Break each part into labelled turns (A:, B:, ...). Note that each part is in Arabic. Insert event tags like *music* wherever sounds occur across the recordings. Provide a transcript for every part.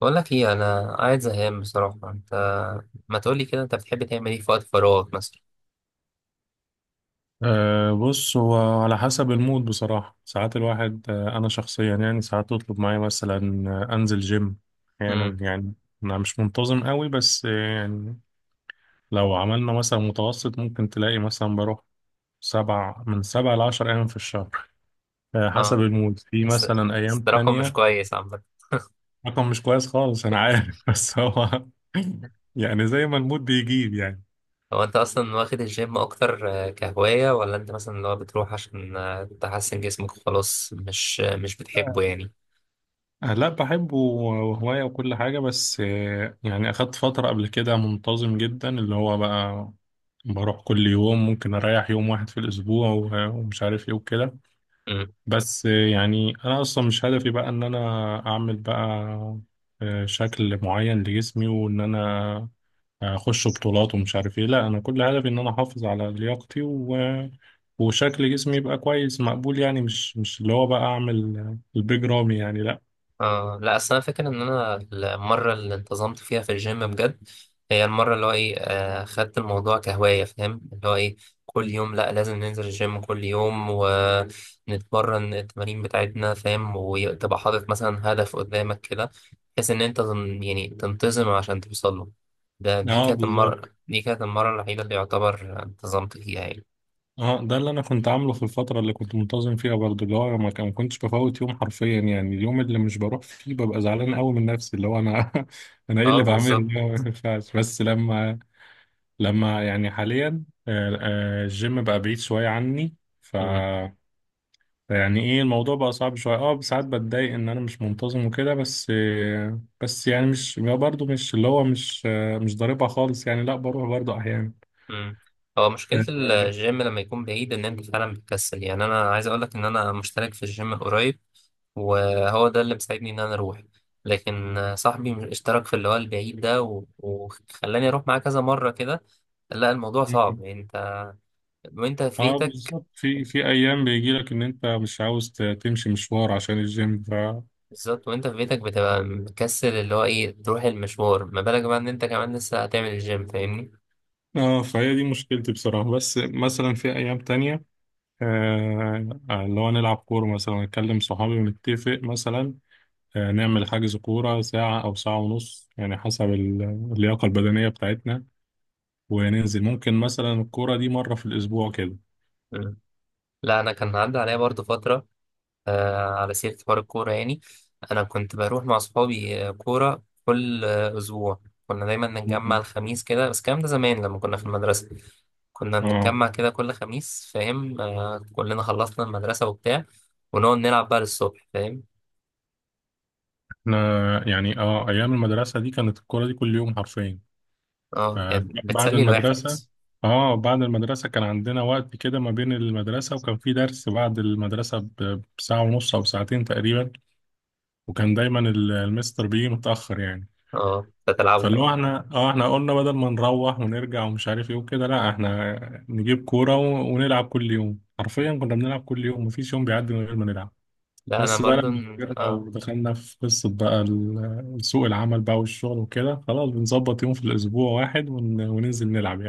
A: بقول لك ايه، انا قاعد زهقان بصراحه انت. ما تقولي كده، انت بتحب تعمل ايه في وقت فراغك مثلا؟
B: بص هو على حسب المود بصراحة. ساعات الواحد، أنا شخصيا يعني ساعات تطلب معايا مثلا، أنزل جيم أحيانا
A: امم
B: يعني. أنا مش منتظم قوي، بس يعني لو عملنا مثلا متوسط ممكن تلاقي مثلا بروح 7 من 7 ل10 أيام في الشهر. حسب
A: اه،
B: المود، في
A: بس
B: مثلا
A: بس
B: أيام
A: ده رقم مش
B: تانية.
A: كويس عامه.
B: رقم مش كويس خالص، أنا عارف *laughs* بس هو *laughs* يعني زي ما المود بيجيب يعني.
A: هو انت اصلا واخد الجيم اكتر كهوايه ولا انت مثلا اللي هو بتروح عشان تحسن جسمك وخلاص مش بتحبه يعني؟
B: لا بحبه وهواية وكل حاجة، بس يعني أخدت فترة قبل كده منتظم جدا، اللي هو بقى بروح كل يوم، ممكن أريح يوم واحد في الأسبوع ومش عارف إيه وكده. بس يعني أنا أصلا مش هدفي بقى إن أنا أعمل بقى شكل معين لجسمي، وإن أنا أخش بطولات ومش عارف إيه. لا، أنا كل هدفي إن أنا أحافظ على لياقتي و... وشكل جسمي يبقى كويس مقبول، يعني مش اللي هو بقى أعمل البيج رامي يعني، لا.
A: اه، لا اصل انا فاكر ان انا المره اللي انتظمت فيها في الجيم بجد هي المره اللي هو ايه خدت الموضوع كهوايه، فاهم اللي هو ايه، كل يوم لا، لازم ننزل الجيم كل يوم ونتمرن التمارين بتاعتنا، فاهم، وتبقى حاطط مثلا هدف قدامك كده بحيث ان انت يعني تنتظم عشان توصل له. ده دي
B: اه
A: كانت
B: بالظبط.
A: المره دي كانت المره الوحيده اللي يعتبر انتظمت فيها يعني.
B: اه ده اللي انا كنت عامله في الفتره اللي كنت منتظم فيها برضه، اللي هو ما كنتش بفوت يوم حرفيا. يعني اليوم اللي مش بروح فيه ببقى زعلان قوي من نفسي، اللي هو انا *laughs* انا ايه
A: اه،
B: اللي بعمله ده؟
A: بالظبط.
B: ما ينفعش. بس لما يعني حاليا الجيم بقى بعيد شويه عني، ف يعني ايه الموضوع بقى صعب شويه. اه ساعات بتضايق ان انا مش منتظم وكده، بس بس يعني مش برضه، مش اللي هو، مش مش ضاربها خالص يعني، لا بروح برضه
A: مم. هو مشكلة
B: احيانا.
A: الجيم لما يكون بعيد إن أنت فعلا بتكسل، يعني أنا عايز أقولك إن أنا مشترك في الجيم قريب وهو ده اللي مساعدني إن أنا أروح. لكن صاحبي اشترك في اللي هو البعيد ده و- وخلاني أروح معاه كذا مرة كده. لا، الموضوع صعب يعني، وأنت في
B: اه
A: بيتك.
B: بالظبط، في ايام بيجي لك ان انت مش عاوز تمشي مشوار عشان الجيم،
A: بالظبط، وأنت في بيتك بتبقى مكسل اللي هو إيه تروح المشوار، ما بالك بقى إن أنت كمان لسه هتعمل الجيم، فاهمني؟
B: اه فهي دي مشكلتي بصراحة. بس مثلا في ايام تانية اللي هو نلعب كورة مثلا، نكلم صحابي ونتفق مثلا نعمل حجز كورة ساعة او ساعة ونص يعني، حسب اللياقة البدنية بتاعتنا، وننزل ممكن مثلا الكورة دي مرة في الاسبوع كده.
A: مم. لا، أنا كان عدى عليا برضه فترة على سيرة حوار الكورة يعني. أنا كنت بروح مع أصحابي كورة كل أسبوع. كنا دايما نتجمع
B: مم.
A: الخميس كده، بس الكلام ده زمان لما كنا في المدرسة. كنا
B: اه
A: بنتجمع كده كل خميس، فاهم، كلنا خلصنا المدرسة وبتاع، ونقعد نلعب بقى للصبح، فاهم.
B: احنا يعني، اه، ايام المدرسة دي كانت الكورة دي كل يوم حرفيا
A: اه، يعني
B: بعد
A: بتسلي الواحد.
B: المدرسة. اه بعد المدرسة كان عندنا وقت كده ما بين المدرسة، وكان في درس بعد المدرسة بساعة ونص أو ساعتين تقريبا، وكان دايما المستر بيجي متأخر يعني.
A: اه، بتلعبه
B: فاللي هو
A: بقى.
B: احنا، اه قلنا بدل ما نروح ونرجع ومش عارف ايه وكده، لا احنا نجيب كورة ونلعب كل يوم. حرفيا كنا بنلعب كل يوم مفيش يوم بيعدي من غير ما نلعب.
A: لا، أنا
B: بس بقى
A: برضو
B: لما كبرنا
A: آه
B: ودخلنا في قصة بقى سوق العمل بقى والشغل وكده، خلاص بنظبط يوم في الأسبوع واحد وننزل نلعب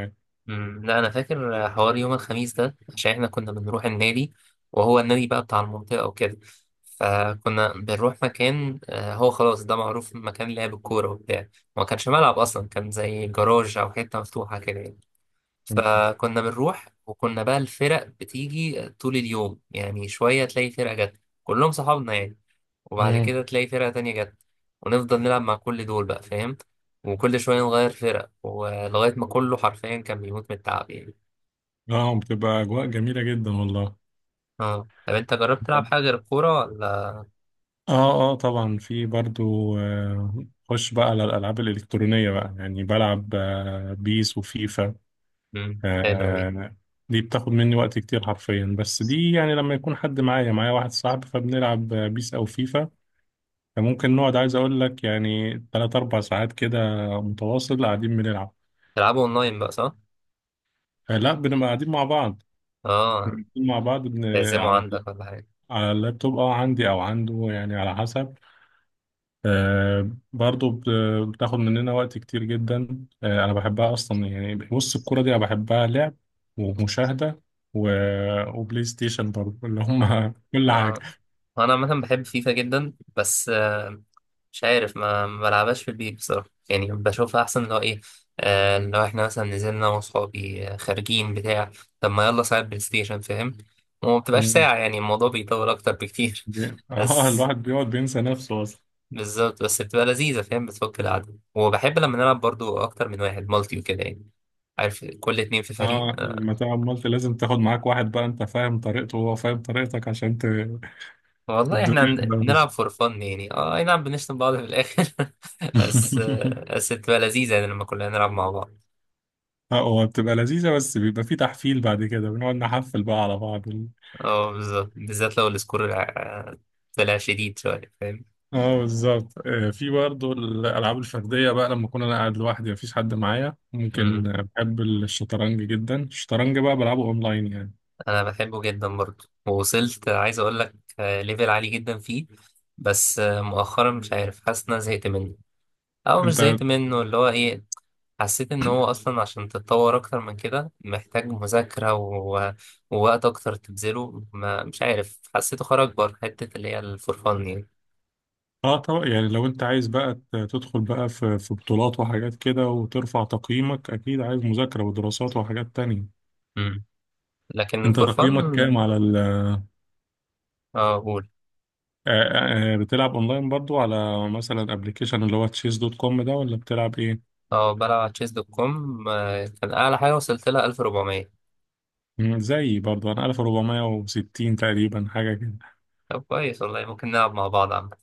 A: مم، لا انا فاكر حوار يوم الخميس ده عشان احنا كنا بنروح النادي، وهو النادي بقى بتاع المنطقه وكده. فكنا بنروح مكان هو خلاص ده معروف مكان لعب الكوره وبتاع. ما كانش ملعب اصلا، كان زي جراج او حته مفتوحه كده يعني.
B: يعني.
A: فكنا بنروح وكنا بقى الفرق بتيجي طول اليوم يعني، شويه تلاقي فرقه جت كلهم صحابنا يعني، وبعد
B: مم.
A: كده تلاقي فرقة تانية جت، ونفضل نلعب مع كل دول بقى، فاهم، وكل شوية نغير فرق ولغاية ما كله حرفيا كان بيموت من التعب يعني.
B: اه بتبقى اجواء جميله جدا والله.
A: اه، طب انت جربت تلعب حاجة غير الكورة ولا؟
B: اه طبعا في برضو خش بقى على الالعاب الالكترونيه بقى يعني، بلعب بيس وفيفا.
A: حلوة دي.
B: آه، دي بتاخد مني وقت كتير حرفيا، بس دي يعني لما يكون حد معايا، واحد صاحبي، فبنلعب بيس او فيفا. فممكن نقعد عايز اقول لك يعني 3 4 ساعات كده متواصل قاعدين بنلعب.
A: تلعبوا اونلاين بقى صح؟
B: لا بنبقى قاعدين مع بعض.
A: اه،
B: قاعدين مع بعض بن...
A: تعزموا
B: على
A: عندك ولا حاجة؟
B: اللابتوب. اه عندي او عنده يعني، على حسب. آه برضو بتاخد مننا وقت كتير جدا. آه أنا بحبها أصلا يعني. بص الكورة دي أنا بحبها لعب ومشاهدة و... وبلاي ستيشن برضو، اللي
A: آه.
B: هم *laughs* كل حاجة.
A: آه. انا عامه بحب فيفا جدا، بس آه، مش عارف، ما بلعبهاش في البيت بصراحه يعني، بشوفها احسن لو ايه، لو احنا مثلا نزلنا أنا واصحابي خارجين بتاع. طب ما يلا ساعه بلاي ستيشن، فاهم، وما بتبقاش
B: مم.
A: ساعه يعني، الموضوع بيطول اكتر بكتير *laughs*
B: اه
A: بس.
B: الواحد بيقعد بينسى نفسه أصلا.
A: بالظبط، بس بتبقى لذيذه، فاهم، بتفك القعده، وبحب لما نلعب برضو اكتر من واحد، مالتي وكده يعني. عارف، كل اتنين في فريق.
B: اه لما تلعب مالتي لازم تاخد معاك واحد بقى أنت فاهم طريقته وهو فاهم طريقتك عشان ت...
A: والله احنا
B: الدنيا
A: بن-
B: تبقى ماشية.
A: بنلعب فور فن، يعني اه أي نعم بنشتم بعض في الاخر *laughs* بس
B: *laughs*
A: بس بتبقى لذيذة يعني لما كلنا نلعب مع بعض.
B: اه هو بتبقى لذيذة، بس بيبقى في تحفيل، بعد كده بنقعد نحفل بقى على بعض.
A: اه، بالظبط، بالذات لو السكور طلع شديد شوية، فاهم.
B: اه بالظبط في برضه الالعاب الفرديه بقى لما اكون انا قاعد لوحدي مفيش حد معايا، ممكن،
A: مم.
B: بحب الشطرنج جدا. الشطرنج بقى بلعبه اونلاين يعني.
A: أنا بحبه جدا برضه، ووصلت عايز أقول لك ليفل عالي جدا فيه. بس آه، مؤخرا مش عارف، حاسس إن أنا زهقت منه، أو مش
B: انت
A: زهقت منه اللي هو إيه، حسيت إن هو أصلا عشان تتطور أكتر من كده محتاج مذاكرة ووقت أكتر تبذله، ما مش عارف، حسيته خرج بره حتة اللي هي الفور فن يعني.
B: اه طبعا يعني لو انت عايز بقى تدخل بقى في بطولات وحاجات كده وترفع تقييمك، اكيد عايز مذاكره ودراسات وحاجات تانية.
A: مم. لكن
B: انت
A: فور فن.
B: تقييمك كام على ال
A: اه، قول.
B: بتلعب اونلاين برضو على مثلا ابلكيشن اللي هو تشيس دوت كوم ده، ولا بتلعب ايه؟
A: اه، بلعب على تشيس دوت كوم، كان اعلى حاجه وصلت لها 1400.
B: مم، زيي برضو انا 1460 تقريبا حاجه كده.
A: طب، كويس والله، ممكن نلعب مع بعض عامة.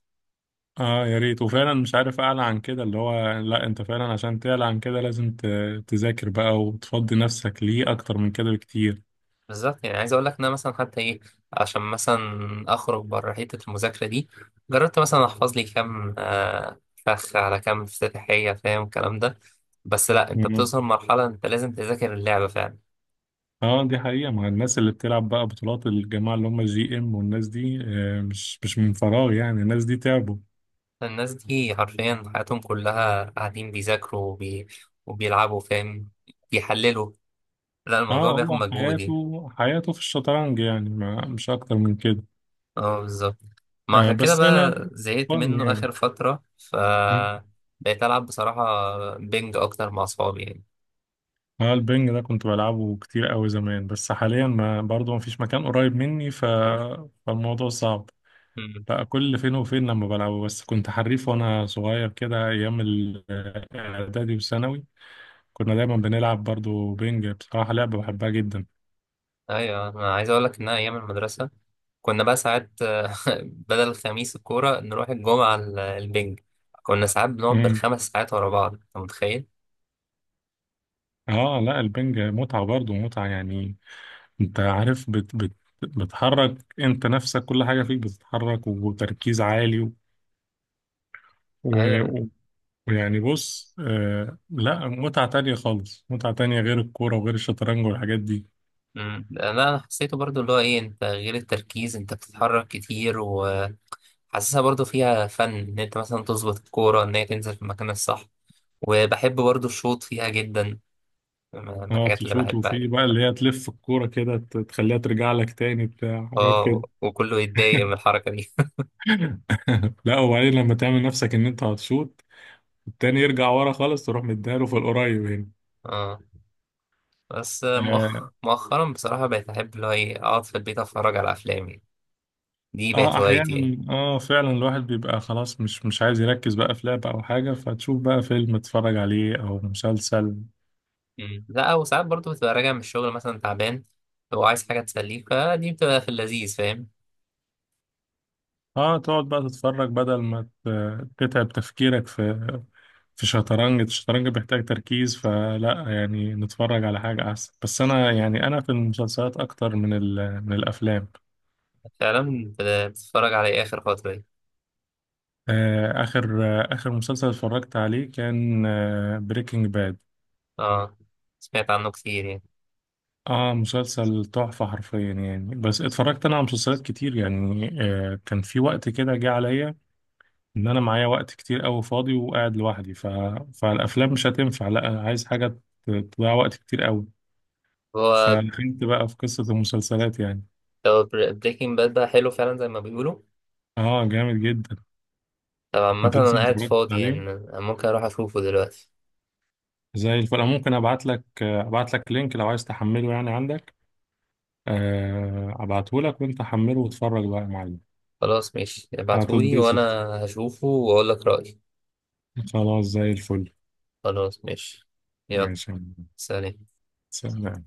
B: اه يا ريت. وفعلا مش عارف اعلى عن كده، اللي هو لا، انت فعلا عشان تعلى عن كده لازم تذاكر بقى وتفضي نفسك ليه اكتر من كده بكتير.
A: بالظبط، يعني عايز اقول لك ان انا مثلا حتى ايه، عشان مثلا اخرج بره حته المذاكره دي، جربت مثلا احفظ لي كام فخ على كام افتتاحيه، فاهم الكلام ده، بس لا انت
B: مم.
A: بتوصل مرحله انت لازم تذاكر اللعبه فعلا.
B: اه دي حقيقة. مع الناس اللي بتلعب بقى بطولات، الجماعة اللي هم GM والناس دي، آه، مش من فراغ يعني، الناس دي تعبوا.
A: الناس دي حرفيا حياتهم كلها قاعدين بيذاكروا وبيلعبوا، فاهم، بيحللوا، لا
B: اه
A: الموضوع بياخد
B: هو
A: مجهود يعني.
B: حياته، في الشطرنج يعني، ما مش اكتر من كده.
A: اه، بالظبط، ما
B: آه
A: عشان كده
B: بس انا
A: بقى زهقت
B: فن
A: منه
B: يعني.
A: آخر فترة
B: مم.
A: بقيت ألعب بصراحة بينج أكتر مع أصحابي يعني.
B: اه البنج ده كنت بلعبه كتير قوي زمان، بس حاليا ما برضه ما فيش مكان قريب مني ف... فالموضوع صعب.
A: مم.
B: لا كل فين وفين لما بلعبه، بس كنت حريف وانا صغير كده ايام الاعدادي والثانوي، كنا دايما بنلعب برضو بينج. بصراحة لعبة بحبها جدا.
A: أيوة، أنا عايز أقول لك إن أنا أيام المدرسة كنا بقى ساعات *laughs* بدل الخميس الكورة نروح الجمعة البينج. كنا ساعات بنقعد
B: امم
A: بالخمس ساعات ورا بعض، أنت متخيل؟
B: اه لا البنج متعة، برضو متعة يعني. انت عارف، بت بت بتحرك انت نفسك، كل حاجة فيك بتتحرك، وتركيز عالي
A: أيوة.
B: و- ويعني بص لا متعة تانية خالص، متعة تانية غير الكورة وغير الشطرنج والحاجات دي.
A: مم. لا، أنا حسيته برضو اللي هو إيه، أنت غير التركيز أنت بتتحرك كتير وحاسسها، برضو فيها فن إن أنت مثلا تظبط الكورة إن هي تنزل في المكان الصح، وبحب برضو الشوط فيها جدا، من
B: اه
A: الحاجات اللي
B: تشوط،
A: بحبها
B: وفي
A: يعني.
B: بقى اللي هي تلف الكورة كده تخليها ترجع لك تاني بتاع حاجات
A: اه،
B: كده.
A: وكله يتضايق من الحركة دي.
B: *laughs* لا، وبعدين لما تعمل نفسك ان انت هتشوط، التاني يرجع ورا خالص تروح مديها له في القريب هنا.
A: اه، بس
B: اه
A: مؤخرا بصراحة بقيت أحب اللي هو إيه أقعد في البيت أتفرج على أفلام يعني، دي بقت هوايتي يعني.
B: احيانا، اه فعلا الواحد بيبقى خلاص مش عايز يركز بقى في لعبة او حاجة، فتشوف بقى فيلم تتفرج عليه او مسلسل.
A: مم. لا، وساعات برضو بتبقى راجع من الشغل مثلا تعبان وعايز حاجة تسليك، فدي بتبقى في اللذيذ، فاهم.
B: اه تقعد بقى تتفرج بدل ما تتعب تفكيرك في شطرنج. الشطرنج بيحتاج تركيز، فلا يعني نتفرج على حاجة أحسن. بس أنا يعني، أنا في المسلسلات أكتر من من الأفلام.
A: فعلا بتتفرج على إيه آخر فترة دي؟
B: آخر مسلسل اتفرجت عليه كان بريكنج باد.
A: اه، سمعت عنه كتير يعني،
B: اه مسلسل تحفة حرفيا يعني. بس اتفرجت أنا على مسلسلات كتير يعني، كان في وقت كده جه عليا إن أنا معايا وقت كتير أوي فاضي وقاعد لوحدي ف... فالأفلام مش هتنفع. لا، أنا عايز حاجة تضيع وقت كتير أوي،
A: هو
B: فدخلت بقى في قصة المسلسلات يعني.
A: بريكنج باد بقى حلو فعلا زي ما بيقولوا؟
B: اه جامد جدا.
A: طب عامة
B: انت لسه
A: أنا
B: ما
A: قاعد
B: اتفرجتش
A: فاضي يعني،
B: عليه؟
A: أنا ممكن أروح أشوفه دلوقتي.
B: زي الفل. أنا ممكن ابعت لك، لينك لو عايز تحمله يعني، عندك. ابعته لك وانت حمله واتفرج بقى يا معلم.
A: خلاص، ماشي، ابعتهولي
B: هتتبسط.
A: وأنا هشوفه وأقول لك رأيي.
B: خلاص زي الفل.
A: خلاص ماشي. يلا.
B: ماشي يا معلم.
A: سلام.
B: سلام.